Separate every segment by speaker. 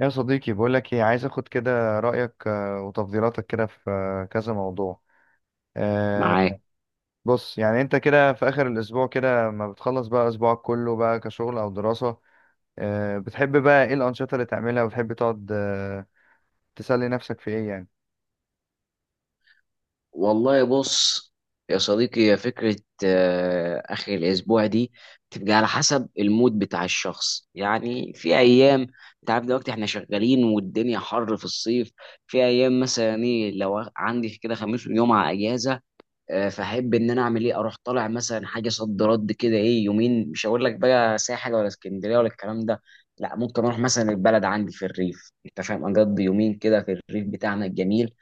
Speaker 1: يا صديقي، بقولك ايه، عايز اخد كده رأيك، وتفضيلاتك كده في كذا موضوع. آه،
Speaker 2: معاك.
Speaker 1: بص، يعني انت كده في اخر الاسبوع كده ما بتخلص بقى اسبوعك كله بقى كشغل او دراسة. بتحب بقى ايه الانشطة اللي تعملها، وبتحب تقعد تسلي نفسك في ايه يعني؟
Speaker 2: والله بص يا صديقي، هي فكرة آخر الأسبوع دي بتبقى على حسب المود بتاع الشخص. يعني في أيام، أنت عارف دلوقتي إحنا شغالين والدنيا حر في الصيف. في أيام مثلا إيه، لو عندي كده خميس وجمعة أجازة، فأحب إن أنا أعمل إيه، أروح طالع مثلا حاجة صد رد كده، إيه، يومين. مش هقول لك بقى ساحل ولا اسكندرية ولا الكلام ده، لا، ممكن أروح مثلا البلد عندي في الريف، أنت فاهم، أقضي يومين كده في الريف بتاعنا الجميل.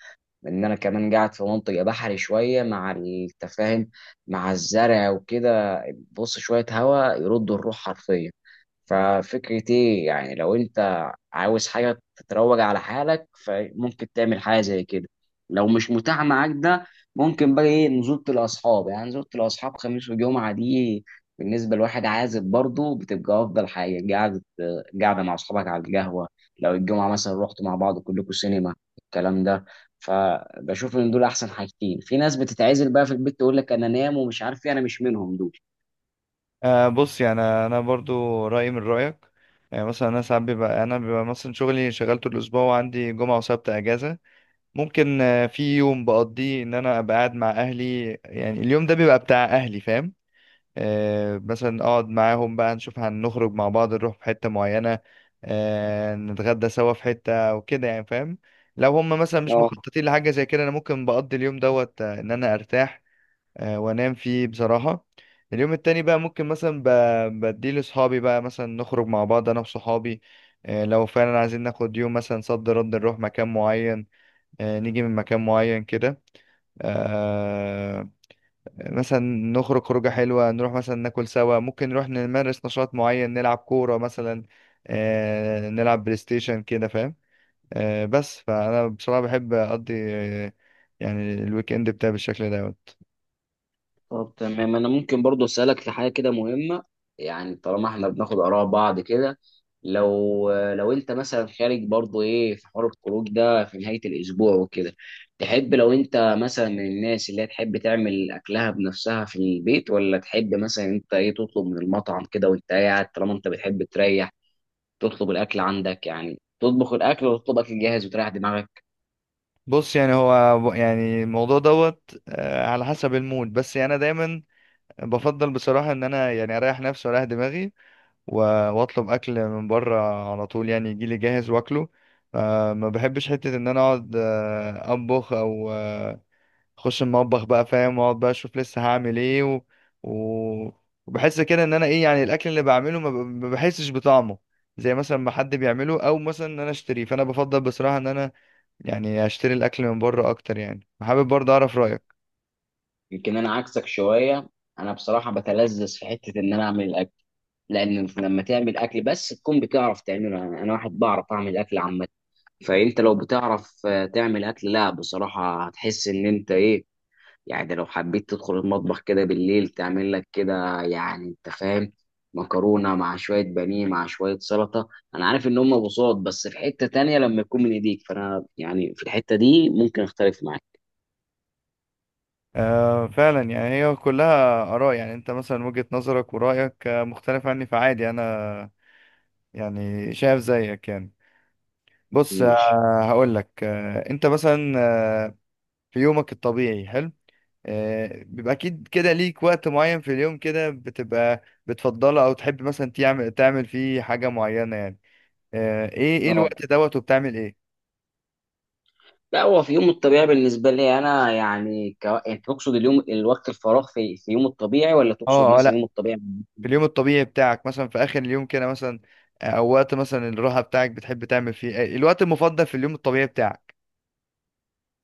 Speaker 2: لان انا كمان قاعد في منطقه بحري شويه، مع التفاهم مع الزرع وكده. بص، شويه هواء يردوا الروح حرفيا. ففكرة ايه، يعني لو انت عاوز حاجة تتروج على حالك، فممكن تعمل حاجة زي كده. لو مش متاح معاك ده، ممكن بقى ايه، نزولة الأصحاب. يعني نزولة الأصحاب خميس وجمعة دي، بالنسبة لواحد عازب برضه بتبقى أفضل حاجة. قعدة قاعدة مع أصحابك على القهوة، لو الجمعة مثلا رحتوا مع بعض كلكم سينما، الكلام ده. فبشوف ان دول احسن حاجتين. في ناس بتتعزل بقى في البيت تقول لك انا نام ومش عارف ايه، انا مش منهم دول.
Speaker 1: بص، يعني انا برضو رأيي من رأيك. يعني مثلا انا ساعات بيبقى مثلا شغلي، شغلته الاسبوع وعندي جمعة وسبت اجازة. ممكن في يوم بقضيه ان انا ابقى قاعد مع اهلي، يعني اليوم ده بيبقى بتاع اهلي، فاهم. مثلا اقعد معاهم بقى نشوف هنخرج مع بعض، نروح في حتة معينة، نتغدى سوا في حتة وكده يعني، فاهم. لو هم مثلا مش
Speaker 2: اه.
Speaker 1: مخططين لحاجة زي كده، انا ممكن بقضي اليوم دوت ان انا ارتاح وانام فيه بصراحة. اليوم التاني بقى ممكن مثلا بديه لاصحابي، بقى مثلا نخرج مع بعض انا وصحابي، لو فعلا عايزين ناخد يوم مثلا صد رد نروح مكان معين، نيجي من مكان معين كده، آه، مثلا نخرج خروجة حلوة، نروح مثلا ناكل سوا، ممكن نروح نمارس نشاط معين، نلعب كورة مثلا، نلعب بلاي ستيشن كده فاهم. بس فأنا بصراحة بحب أقضي يعني الويك إند بتاعي بالشكل دوت.
Speaker 2: طب تمام، انا ممكن برضو اسالك في حاجه كده مهمه، يعني طالما احنا بناخد اراء بعض كده. لو انت مثلا خارج برضو ايه في حوار الخروج ده في نهايه الاسبوع وكده، تحب لو انت مثلا من الناس اللي هي تحب تعمل اكلها بنفسها في البيت، ولا تحب مثلا انت ايه تطلب من المطعم كده وانت قاعد؟ طالما انت بتحب تريح، تطلب الاكل عندك. يعني تطبخ الاكل، وتطلب اكل جاهز وتريح دماغك.
Speaker 1: بص، يعني هو يعني الموضوع دوت على حسب المود. بس يعني أنا دايما بفضل بصراحة إن أنا يعني أريح نفسي وأريح دماغي، وأطلب أكل من بره على طول، يعني يجيلي جاهز وأكله. ما بحبش حتة إن أنا أقعد أطبخ أو اخش المطبخ بقى، فاهم، واقعد بقى اشوف لسه هعمل ايه و... وبحس كده ان انا ايه، يعني الاكل اللي بعمله ما بحسش بطعمه زي مثلا ما حد بيعمله، او مثلا ان انا اشتريه. فانا بفضل بصراحة ان انا يعني اشتري الاكل من بره اكتر. يعني حابب برضه اعرف رايك.
Speaker 2: يمكن انا عكسك شويه. انا بصراحه بتلذذ في حته ان انا اعمل الاكل. لان لما تعمل اكل بس تكون بتعرف تعمله، يعني انا واحد بعرف اعمل اكل عامه. فانت لو بتعرف تعمل اكل، لا بصراحه هتحس ان انت ايه، يعني ده لو حبيت تدخل المطبخ كده بالليل، تعمل لك كده، يعني انت فاهم، مكرونه مع شويه بانيه مع شويه سلطه. انا عارف ان هم بساط، بس في حته تانية لما يكون من ايديك، فانا يعني في الحته دي ممكن اختلف معاك.
Speaker 1: فعلا، يعني هي كلها اراء، يعني انت مثلا وجهة نظرك ورايك مختلف عني فعادي، انا يعني شايف زيك يعني. بص،
Speaker 2: ماشي.
Speaker 1: هقول لك، انت مثلا آه في يومك الطبيعي حلو، بيبقى اكيد كده ليك وقت معين في اليوم كده بتبقى بتفضله، او تحب مثلا تعمل فيه حاجة معينة يعني، ايه
Speaker 2: اه،
Speaker 1: الوقت دوت وبتعمل ايه؟
Speaker 2: لا، هو في يوم الطبيعي بالنسبه لي انا يعني ك... يعني تقصد اليوم الوقت الفراغ في... في يوم الطبيعي، ولا تقصد
Speaker 1: اه اه،
Speaker 2: مثلا
Speaker 1: لا،
Speaker 2: يوم الطبيعي؟
Speaker 1: في اليوم الطبيعي بتاعك مثلا في اخر اليوم كده مثلا، او وقت مثلا الراحة بتاعك بتحب تعمل فيه إيه؟ الوقت المفضل في اليوم الطبيعي بتاعك.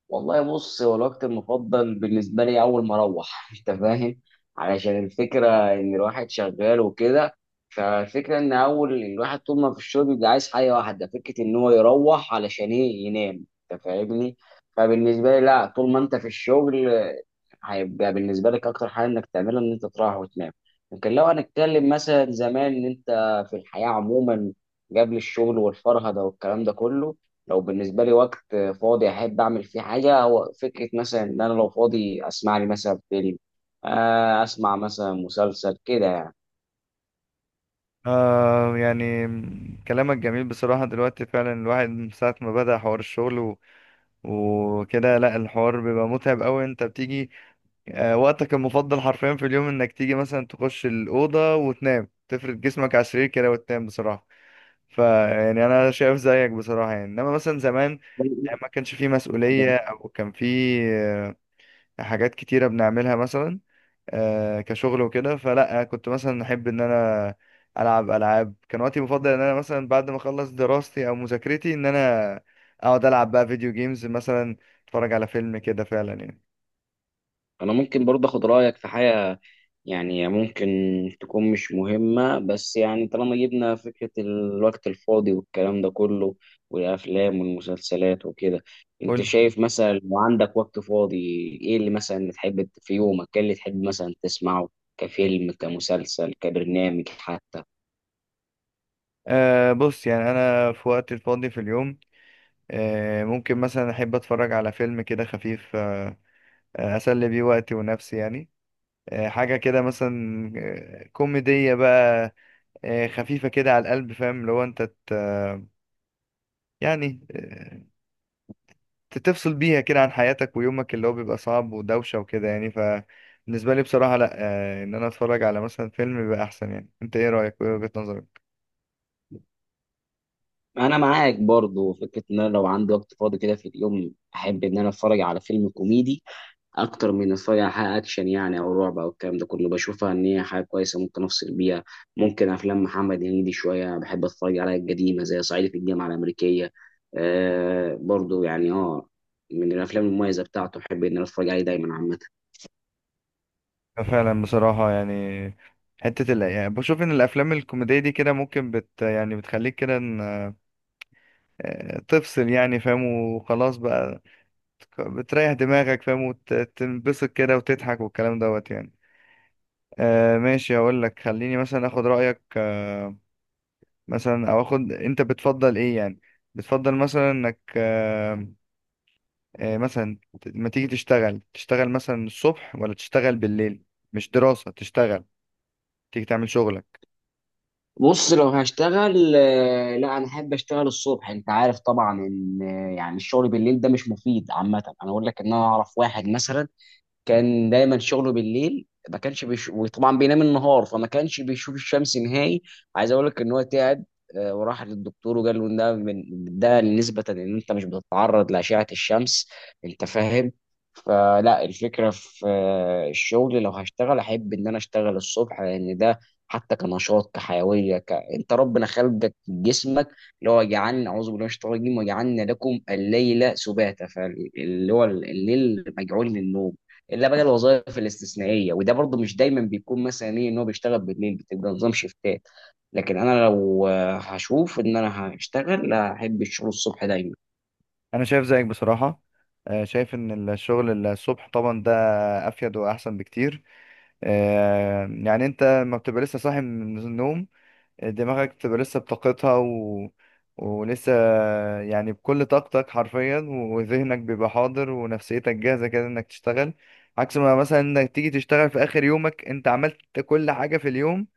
Speaker 2: والله بص، هو الوقت المفضل بالنسبة لي أول ما أروح، أنت فاهم، علشان الفكرة إن الواحد شغال وكده. فالفكرة إن أول الواحد طول ما في الشغل بيبقى عايز حاجة واحدة، فكرة إن هو يروح علشان إيه، ينام، أنت فاهمني. فبالنسبة لي، لا، طول ما أنت في الشغل، هيبقى بالنسبة لك أكتر حاجة إنك تعملها، إن أنت تروح وتنام. لكن لو هنتكلم مثلا زمان، إن أنت في الحياة عموما، قبل الشغل والفرهدة والكلام ده كله، لو بالنسبه لي وقت فاضي احب اعمل فيه حاجه، هو فكره مثلا ان انا لو فاضي اسمع لي مثلا فيلم، اسمع مثلا مسلسل كده
Speaker 1: يعني كلامك جميل بصراحة. دلوقتي فعلا الواحد من ساعة ما بدأ حوار الشغل وكده، لا، الحوار بيبقى متعب أوي. أنت بتيجي وقتك المفضل حرفيا في اليوم انك تيجي مثلا تخش الأوضة وتنام، تفرد جسمك على السرير كده وتنام بصراحة. فيعني انا شايف زيك بصراحة. يعني انما مثلا زمان
Speaker 2: يعني.
Speaker 1: ما كانش فيه مسؤولية، او كان فيه حاجات كتيرة بنعملها مثلا كشغل وكده، فلا كنت مثلا احب ان انا العب العاب. كان وقتي المفضل ان انا مثلا بعد ما اخلص دراستي او مذاكرتي ان انا اقعد العب بقى فيديو جيمز مثلا، اتفرج على فيلم كده فعلا يعني.
Speaker 2: انا ممكن برضه اخد رايك في حاجه، يعني ممكن تكون مش مهمه، بس يعني طالما جبنا فكره الوقت الفاضي والكلام ده كله، والافلام والمسلسلات وكده، انت
Speaker 1: قول.
Speaker 2: شايف مثلا لو عندك وقت فاضي، ايه اللي مثلا تحب في يومك، ايه اللي تحب مثلا تسمعه، كفيلم كمسلسل كبرنامج حتى؟
Speaker 1: بص، يعني أنا في وقت الفاضي في اليوم ممكن مثلا أحب أتفرج على فيلم كده خفيف، أه آه، أسلي بيه وقتي ونفسي يعني. حاجة كده مثلا كوميدية بقى، خفيفة كده على القلب، فاهم، لو أنت يعني تفصل بيها كده عن حياتك ويومك اللي هو بيبقى صعب ودوشة وكده يعني. فبالنسبة لي بصراحة لأ، إن أنا أتفرج على مثلا فيلم بيبقى أحسن. يعني أنت إيه رأيك وإيه وجهة نظرك؟
Speaker 2: انا معاك برضه فكره ان انا لو عندي وقت فاضي كده في اليوم، احب ان انا اتفرج على فيلم كوميدي اكتر من اتفرج على حلقه اكشن يعني، او رعب او الكلام ده كله. بشوفها ان هي حاجه كويسه ممكن افصل بيها. ممكن افلام محمد هنيدي شويه بحب اتفرج عليها، القديمه زي صعيدي في الجامعه الامريكيه. آه برضو يعني اه، من الافلام المميزه بتاعته، احب ان انا اتفرج عليه دايما عامه.
Speaker 1: فعلا بصراحة يعني يعني بشوف ان الافلام الكوميدية دي كده ممكن يعني بتخليك كده إن... آه، تفصل يعني، فاهم، وخلاص بقى بتريح دماغك، فاهم، وتنبسط كده وتضحك والكلام دوت يعني. ماشي، اقول لك خليني مثلا اخد رأيك مثلا، او اخد انت بتفضل ايه يعني، بتفضل مثلا انك مثلا لما تيجي تشتغل، تشتغل مثلا الصبح ولا تشتغل بالليل؟ مش دراسة، تشتغل، تيجي تعمل شغلك.
Speaker 2: بص، لو هشتغل لا انا احب اشتغل الصبح. انت عارف طبعا ان يعني الشغل بالليل ده مش مفيد عامه. انا اقول لك ان انا اعرف واحد مثلا كان دايما شغله بالليل، ما كانش بيش... وطبعا بينام النهار، فما كانش بيشوف الشمس نهائي. عايز اقول لك ان هو تعب، وراح للدكتور، وقال له إن ده من، ده نسبة ان انت مش بتتعرض لأشعة الشمس، انت فاهم. فلا، الفكرة في الشغل، لو هشتغل احب ان انا اشتغل الصبح. لان ده حتى كنشاط كحيوية ك... انت ربنا خلقك جسمك اللي هو، جعلنا، اعوذ بالله من الشيطان الرجيم، وجعلنا لكم الليل سباتا، فاللي هو الليل مجعول للنوم، الا بقى الوظائف الاستثنائيه. وده برضه مش دايما بيكون مثلا ايه، ان هو بيشتغل بالليل بتبقى نظام شيفتات. لكن انا لو هشوف ان انا هشتغل، لا احب الشغل الصبح دايما.
Speaker 1: انا شايف زيك بصراحه، شايف ان الشغل الصبح طبعا ده افيد واحسن بكتير. يعني انت ما بتبقى لسه صاحي من النوم، دماغك بتبقى لسه بطاقتها، ولسه يعني بكل طاقتك حرفيا، وذهنك بيبقى حاضر ونفسيتك جاهزه كده انك تشتغل. عكس ما مثلا انك تيجي تشتغل في اخر يومك، انت عملت كل حاجه في اليوم،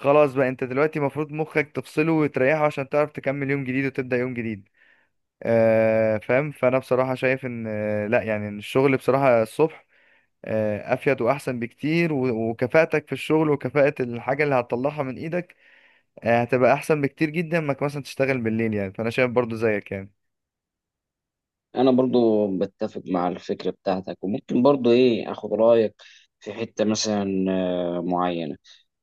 Speaker 1: خلاص بقى انت دلوقتي المفروض مخك تفصله وتريحه عشان تعرف تكمل يوم جديد وتبدأ يوم جديد، فاهم. فانا بصراحه شايف ان لا، يعني إن الشغل بصراحه الصبح افيد واحسن بكتير، وكفاءتك في الشغل وكفاءه الحاجه اللي هتطلعها من ايدك هتبقى احسن بكتير جدا ما مثلا تشتغل بالليل. يعني فانا شايف برضو زيك يعني.
Speaker 2: انا برضو بتفق مع الفكره بتاعتك، وممكن برضو ايه اخد رايك في حته مثلا معينه.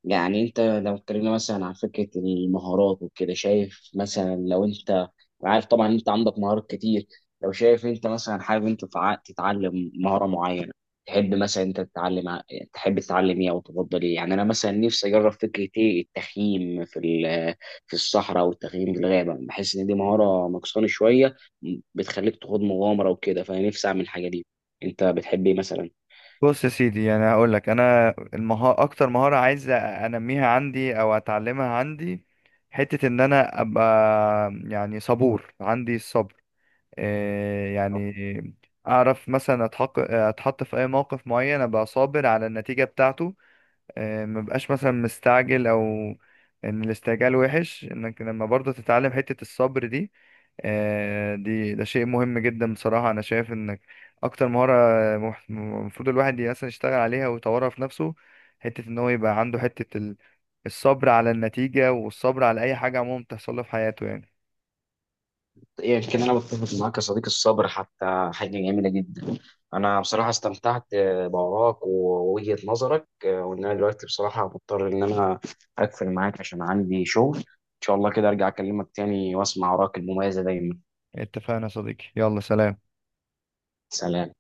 Speaker 2: يعني انت لو اتكلمنا مثلا عن فكره المهارات وكده، شايف مثلا لو انت، عارف طبعا انت عندك مهارات كتير، لو شايف انت مثلا حابب انت تتعلم مهاره معينه، تحب مثلا انت تحب تتعلم ايه او تفضل ايه؟ يعني انا مثلا نفسي اجرب فكره ايه التخييم في الصحراء، او التخييم في الغابه. بحس ان دي مهاره نقصاني شويه، بتخليك تخوض مغامره وكده، فانا نفسي اعمل الحاجه دي. انت بتحب ايه مثلا؟
Speaker 1: بص يا سيدي، يعني هقول لك انا، اكتر مهاره عايز انميها عندي او اتعلمها عندي، حته ان انا ابقى يعني صبور، عندي الصبر، يعني اعرف مثلا اتحط في اي موقف معين ابقى صابر على النتيجة بتاعته، ما بقاش مثلا مستعجل. او ان الاستعجال وحش، انك لما برضه تتعلم حتة الصبر دي، دي ده شيء مهم جدا بصراحة. انا شايف انك اكتر مهارة المفروض الواحد مثلا يشتغل عليها ويطورها في نفسه، حتة ان هو يبقى عنده الصبر على النتيجة والصبر على اي حاجة عموما بتحصل له في حياته يعني.
Speaker 2: يمكن انا بتفق معاك يا صديقي، الصبر حتى حاجه جميله جدا. انا بصراحه استمتعت بوراك ووجهه نظرك، وان انا دلوقتي بصراحه مضطر ان انا اقفل معاك عشان عندي شغل. ان شاء الله كده ارجع اكلمك تاني واسمع وراك المميزه دايما.
Speaker 1: اتفقنا يا صديقي، يلا سلام.
Speaker 2: سلام.